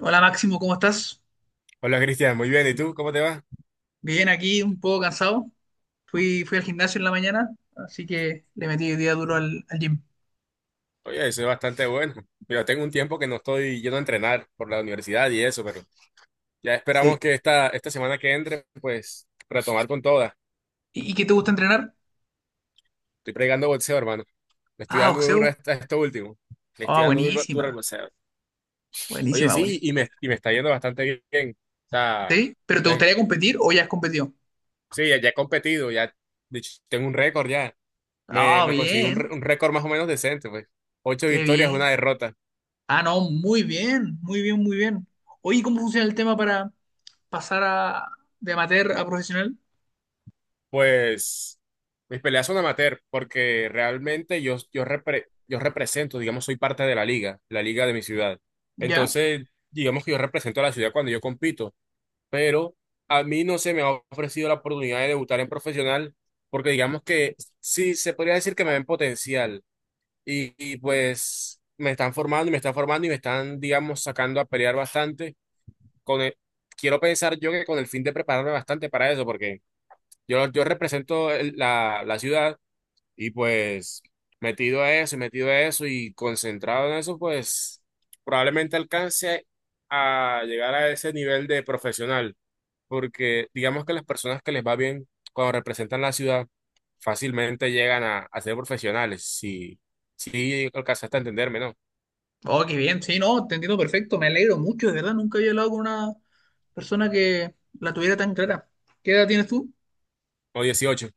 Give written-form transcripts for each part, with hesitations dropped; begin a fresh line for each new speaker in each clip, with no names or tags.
Hola Máximo, ¿cómo estás?
Hola Cristian, muy bien. ¿Y tú? ¿Cómo te va?
Bien, aquí un poco cansado. Fui al gimnasio en la mañana, así que le metí el día duro al gym.
Oye, eso es bastante bueno. Yo tengo un tiempo que no estoy yendo a entrenar por la universidad y eso, pero ya
Sí.
esperamos que esta semana que entre, pues retomar con toda.
¿Y qué te gusta entrenar?
Estoy pregando boxeo, hermano. Le estoy
Ah,
dando duro a
boxeo.
a esto último. Le
Ah,
estoy dando duro, duro al
buenísima,
boxeo. Oye,
buenísima,
sí, y
buenísima.
y me está yendo bastante bien. O sea,
¿Sí? ¿Pero te
me-
gustaría competir o ya has competido?
sí, ya he competido, ya de hecho, tengo un récord ya. Me,
Ah,
me conseguí
bien,
un récord más o menos decente, pues. Ocho
qué
victorias,
bien.
una derrota.
Ah, no, muy bien, muy bien, muy bien. Oye, ¿cómo funciona el tema para pasar a, de amateur a profesional?
Pues mis peleas son amateur porque realmente yo represento, digamos, soy parte de la liga, de mi ciudad.
¿Ya?
Entonces, digamos que yo represento a la ciudad cuando yo compito, pero a mí no se me ha ofrecido la oportunidad de debutar en profesional porque digamos que sí se podría decir que me ven potencial y pues me están formando y me están formando y me están, digamos, sacando a pelear bastante. Con el- Quiero pensar yo que con el fin de prepararme bastante para eso porque... Yo represento la ciudad y pues metido a eso y metido a eso y concentrado en eso, pues probablemente alcance a llegar a ese nivel de profesional, porque digamos que las personas que les va bien cuando representan la ciudad fácilmente llegan a ser profesionales, si alcanzaste a entenderme, ¿no?
Oh, qué bien, sí, no, te entiendo perfecto, me alegro mucho, de verdad, nunca había hablado con una persona que la tuviera tan clara. ¿Qué edad tienes tú?
O dieciocho.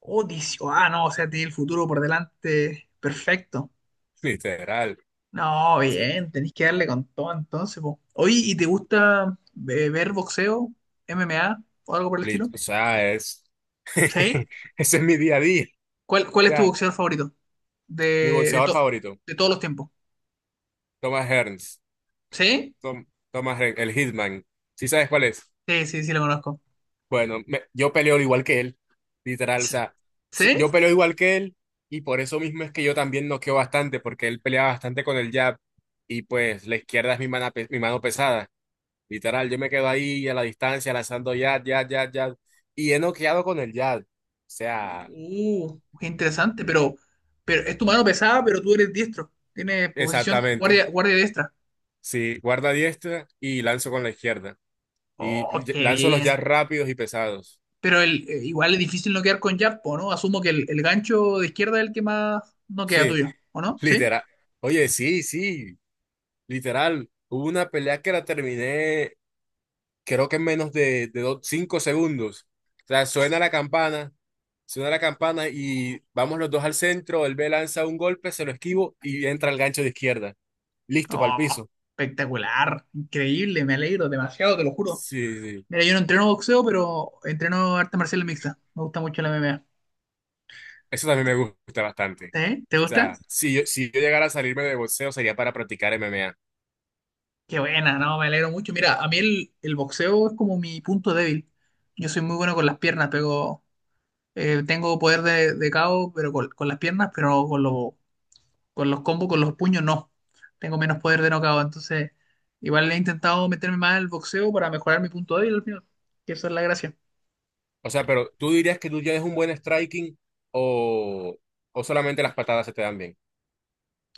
Oh, 18. Ah, no, o sea, tiene el futuro por delante. Perfecto.
Literal.
No,
Sí.
bien, tenés que darle con todo entonces, po. Oye, ¿y te gusta ver boxeo, MMA o algo por el estilo?
O sea, es...
¿Sí?
Ese es mi día a día.
¿Cuál
O
es tu
sea,
boxeador favorito?
mi
De, de,
boxeador
to-
favorito,
de todos los tiempos.
Thomas Hearns.
¿Sí?
El Hitman. ¿Sí sabes cuál es?
Sí, sí, sí, lo conozco.
Bueno, yo peleo igual que él, literal. O
S-
sea, yo
¿Sí?
peleo igual que él y por eso mismo es que yo también noqueo bastante, porque él pelea bastante con el jab y pues la izquierda es mi mano pesada. Literal, yo me quedo ahí a la distancia lanzando jab, jab, jab, jab. Y he noqueado con el jab. O sea,
Qué interesante, pero es tu mano pesada, pero tú eres diestro. Tienes posición
exactamente.
guardia, guardia diestra.
Sí, guarda diestra y lanzo con la izquierda. Y
Oh, qué
lanzo los jabs
bien.
rápidos y pesados.
Pero igual es difícil no quedar con Yappo, ¿no? Asumo que el gancho de izquierda es el que más no queda
Sí.
tuyo, ¿o no? ¿Sí?
Literal. Oye, sí, sí, literal. Hubo una pelea que la terminé, creo que en menos de cinco segundos. O sea, suena la campana y vamos los dos al centro. Él me lanza un golpe, se lo esquivo y entra el gancho de izquierda. Listo para el
Oh,
piso.
espectacular, increíble, me alegro demasiado, te lo juro.
Sí, sí.
Mira, yo no entreno boxeo, pero entreno arte marcial mixta. Me gusta mucho la MMA.
Eso también me gusta bastante.
¿Eh? ¿Te
O
gusta?
sea, si yo llegara a salirme de boxeo sería para practicar MMA.
Qué buena, no, me alegro mucho. Mira, a mí el boxeo es como mi punto débil. Yo soy muy bueno con las piernas, pero tengo poder de KO, pero con las piernas, pero no con los. Con los combos, con los puños, no. Tengo menos poder de knockout. Entonces, igual he intentado meterme más al boxeo para mejorar mi punto débil al final. Que esa es la gracia.
O sea, pero ¿tú dirías que tú ya eres un buen striking o, o solamente las patadas se te dan bien?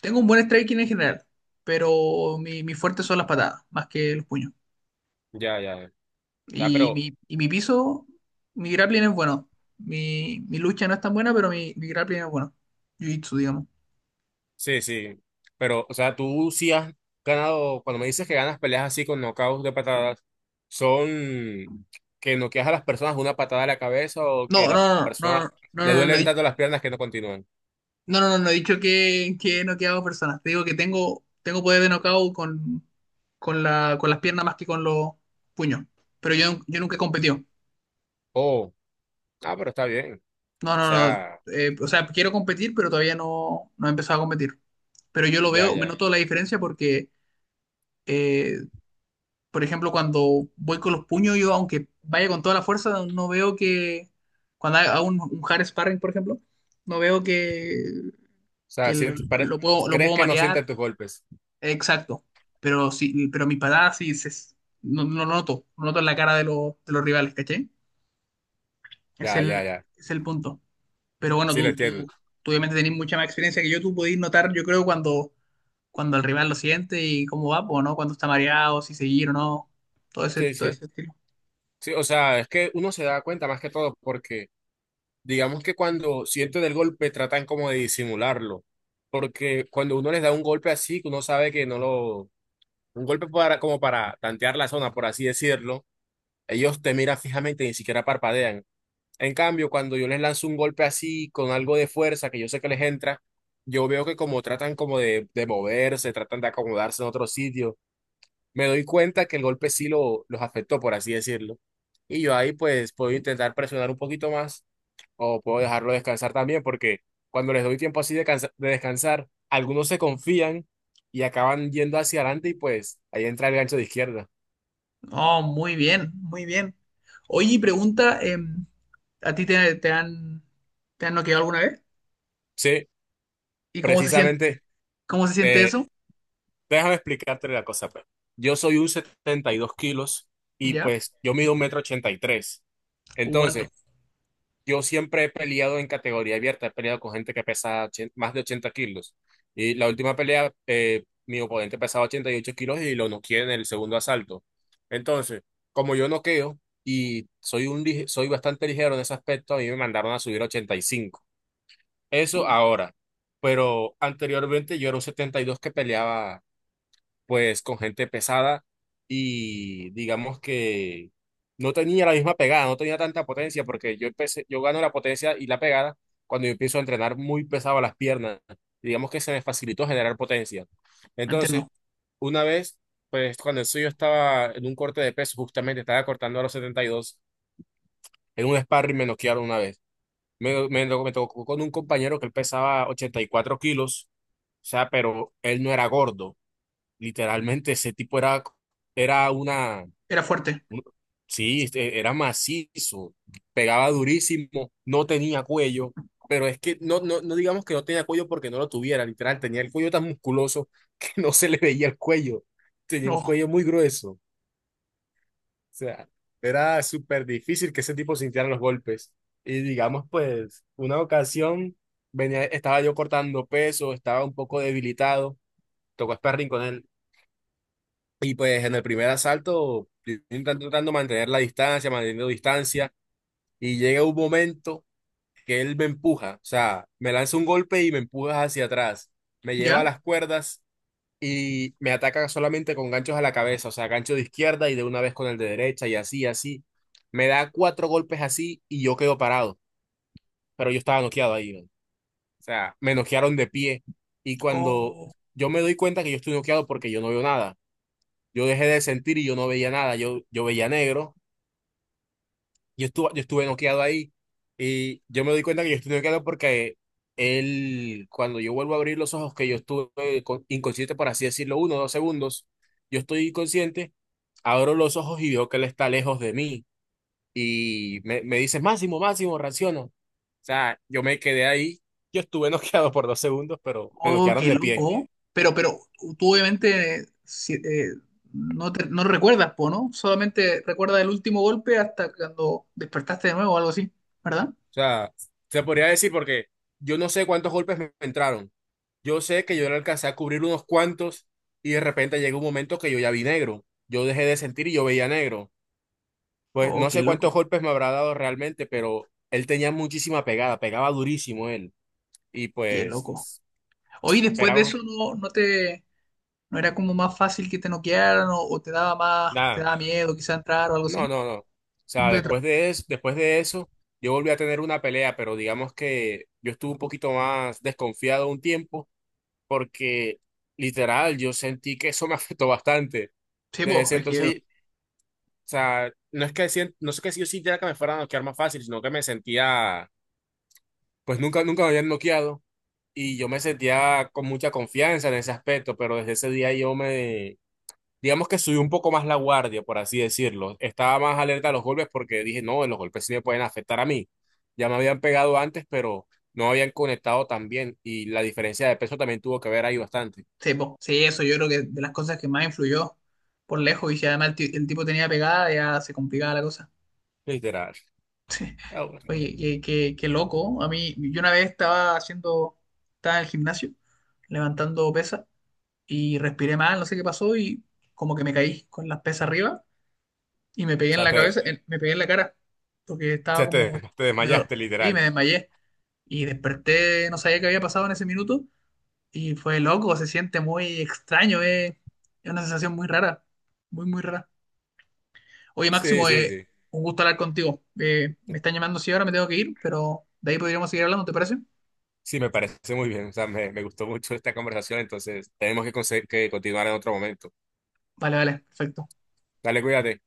Tengo un buen striking en general, pero mi fuerte son las patadas, más que los puños.
Ya, ya. O sea,
Y
pero,
mi, y mi piso, mi grappling es bueno. Mi lucha no es tan buena, pero mi grappling es bueno. Jiu-jitsu, digamos.
sí, sí. Pero, o sea, tú sí has ganado, cuando me dices que ganas peleas así con knockouts de patadas, ¿son que noqueas a las personas de una patada a la cabeza o que
No,
la
no, no,
persona
no, no,
le
no, no, no,
duelen
no,
tanto las piernas que no continúan?
no, no, no, no he dicho que he noqueado personas. Te digo que tengo, tengo poder de knockout con la, con las piernas más que con los puños. Pero yo nunca he competido.
Oh, ah, pero está bien. O
No, no, no.
sea,
O sea, quiero competir, pero todavía no, no he empezado a competir. Pero yo lo
ya,
veo, me
ya. O
noto la diferencia porque, eh, por ejemplo, cuando voy con los puños, yo aunque vaya con toda la fuerza, no veo que, cuando hago un hard sparring, por ejemplo, no veo
sea,
que
sí te
lo
crees
puedo
que no
marear.
sienten tus golpes.
Exacto. Pero sí, pero mi patada sí se, no, no lo noto, no noto en la cara de los rivales, ¿caché? Es
Ya, ya,
el,
ya.
es el punto. Pero bueno,
Sí, lo
tú,
entiendo.
tú, tú obviamente tenés mucha más experiencia que yo, tú podés notar, yo creo, cuando, cuando el rival lo siente y cómo va, pues, ¿no? Cuando está mareado, si seguir o no,
Sí,
todo
sí.
ese estilo.
Sí, o sea, es que uno se da cuenta más que todo porque digamos que cuando sienten el golpe tratan como de disimularlo, porque cuando uno les da un golpe así, que uno sabe que no lo, un golpe para, como para tantear la zona, por así decirlo, ellos te miran fijamente y ni siquiera parpadean. En cambio, cuando yo les lanzo un golpe así, con algo de fuerza que yo sé que les entra, yo veo que como tratan como de moverse, tratan de acomodarse en otro sitio, me doy cuenta que el golpe sí lo, los afectó, por así decirlo. Y yo ahí pues puedo intentar presionar un poquito más o puedo dejarlo descansar también, porque cuando les doy tiempo así de, de descansar, algunos se confían y acaban yendo hacia adelante y pues ahí entra el gancho de izquierda.
Oh, muy bien, muy bien. Oye, y pregunta, ¿a ti te, te han noqueado alguna vez?
Sí,
¿Y
precisamente,
cómo se siente
eh,
eso?
déjame explicarte la cosa, pues. Yo soy un 72 kilos y
¿Ya?
pues yo mido un metro 83.
Alto.
Entonces, yo siempre he peleado en categoría abierta, he peleado con gente que pesa más de 80 kilos. Y la última pelea, mi oponente pesaba 88 kilos y lo noqueé en el segundo asalto. Entonces, como yo noqueo y soy, soy bastante ligero en ese aspecto, a mí me mandaron a subir a 85.
Uh,
Eso ahora. Pero anteriormente yo era un 72 que peleaba pues con gente pesada y digamos que no tenía la misma pegada, no tenía tanta potencia porque yo empecé, yo gano la potencia y la pegada cuando yo empiezo a entrenar muy pesado las piernas. Digamos que se me facilitó generar potencia. Entonces,
entiendo.
una vez, pues cuando eso yo estaba en un corte de peso, justamente estaba cortando a los 72 en un sparring me noquearon una vez. Me tocó con un compañero que él pesaba 84 kilos, o sea, pero él no era gordo. Literalmente ese tipo era, era una,
Era fuerte.
un- sí, este, era macizo, pegaba durísimo, no tenía cuello, pero es que no digamos que no tenía cuello porque no lo tuviera, literal, tenía el cuello tan musculoso que no se le veía el cuello, tenía el
Oh,
cuello muy grueso, o sea, era súper difícil que ese tipo sintiera los golpes. Y digamos, pues, una ocasión venía, estaba yo cortando peso, estaba un poco debilitado, tocó sparring con él. Y pues en el primer asalto, intentando tratando de mantener la distancia, manteniendo distancia, y llega un momento que él me empuja, o sea, me lanza un golpe y me empuja hacia atrás, me lleva a
¿ya?
las cuerdas y me ataca solamente con ganchos a la cabeza, o sea, gancho de izquierda y de una vez con el de derecha y así, así. Me da cuatro golpes así y yo quedo parado, pero yo estaba noqueado ahí, ¿no? O sea, me noquearon de pie y cuando
Oh,
yo me doy cuenta que yo estoy noqueado porque yo no veo nada yo dejé de sentir y yo no veía nada, yo veía negro, yo estuve noqueado ahí y yo me doy cuenta que yo estuve noqueado porque él, cuando yo vuelvo a abrir los ojos, que yo estuve inconsciente, por así decirlo, uno o dos segundos, yo estoy inconsciente, abro los ojos y veo que él está lejos de mí y me dice, Máximo, Máximo, reacciona. O sea, yo me quedé ahí, yo estuve noqueado por dos segundos, pero me
oh,
noquearon
qué
de pie.
loco. Pero tú obviamente no, no recuerdas, po, ¿no? Solamente recuerdas el último golpe hasta cuando despertaste de nuevo o algo así, ¿verdad?
O sea, se podría decir porque yo no sé cuántos golpes me entraron. Yo sé que yo le alcancé a cubrir unos cuantos y de repente llegó un momento que yo ya vi negro. Yo dejé de sentir y yo veía negro. Pues
Oh,
no
qué
sé cuántos
loco,
golpes me habrá dado realmente, pero él tenía muchísima pegada, pegaba durísimo él. Y
qué loco.
pues,
Oye, después de
esperamos,
eso no, no te, no era como más fácil que te noquearan o te daba más, te
nada,
daba miedo quizá entrar o algo
no,
así.
no, no. O
No
sea,
te tra-
después de eso, yo volví a tener una pelea, pero digamos que yo estuve un poquito más desconfiado un tiempo porque literal yo sentí que eso me afectó bastante.
Sí,
Desde
po,
ese
es que,
entonces. O sea, no es que no es que yo sintiera que me fuera a noquear más fácil, sino que me sentía, pues nunca me habían noqueado y yo me sentía con mucha confianza en ese aspecto, pero desde ese día digamos que subí un poco más la guardia, por así decirlo. Estaba más alerta a los golpes porque dije, no, los golpes sí me pueden afectar a mí. Ya me habían pegado antes, pero no habían conectado tan bien y la diferencia de peso también tuvo que ver ahí bastante,
sí, po, sí, eso yo creo que de las cosas que más influyó por lejos y si además el tipo tenía pegada ya se complicaba la cosa.
literal.
Sí.
Ah, bueno.
Oye, qué, qué loco. A mí, yo una vez estaba haciendo, estaba en el gimnasio, levantando pesas y respiré mal, no sé qué pasó y como que me caí con las pesas arriba y me
O
pegué en
sea,
la cabeza, me pegué en la cara porque estaba
te, te
como,
te
me dol-
desmayaste,
sí, me
literal.
desmayé y desperté, no sabía qué había pasado en ese minuto y fue loco, se siente muy extraño, es una sensación muy rara, muy, muy rara. Oye,
Sí,
Máximo,
sí, sí.
un gusto hablar contigo. Me están llamando sí, ahora, me tengo que ir, pero de ahí podríamos seguir hablando, ¿te parece?
Sí, me parece muy bien. O sea, me gustó mucho esta conversación, entonces tenemos que, que continuar en otro momento.
Vale, vale, perfecto.
Dale, cuídate.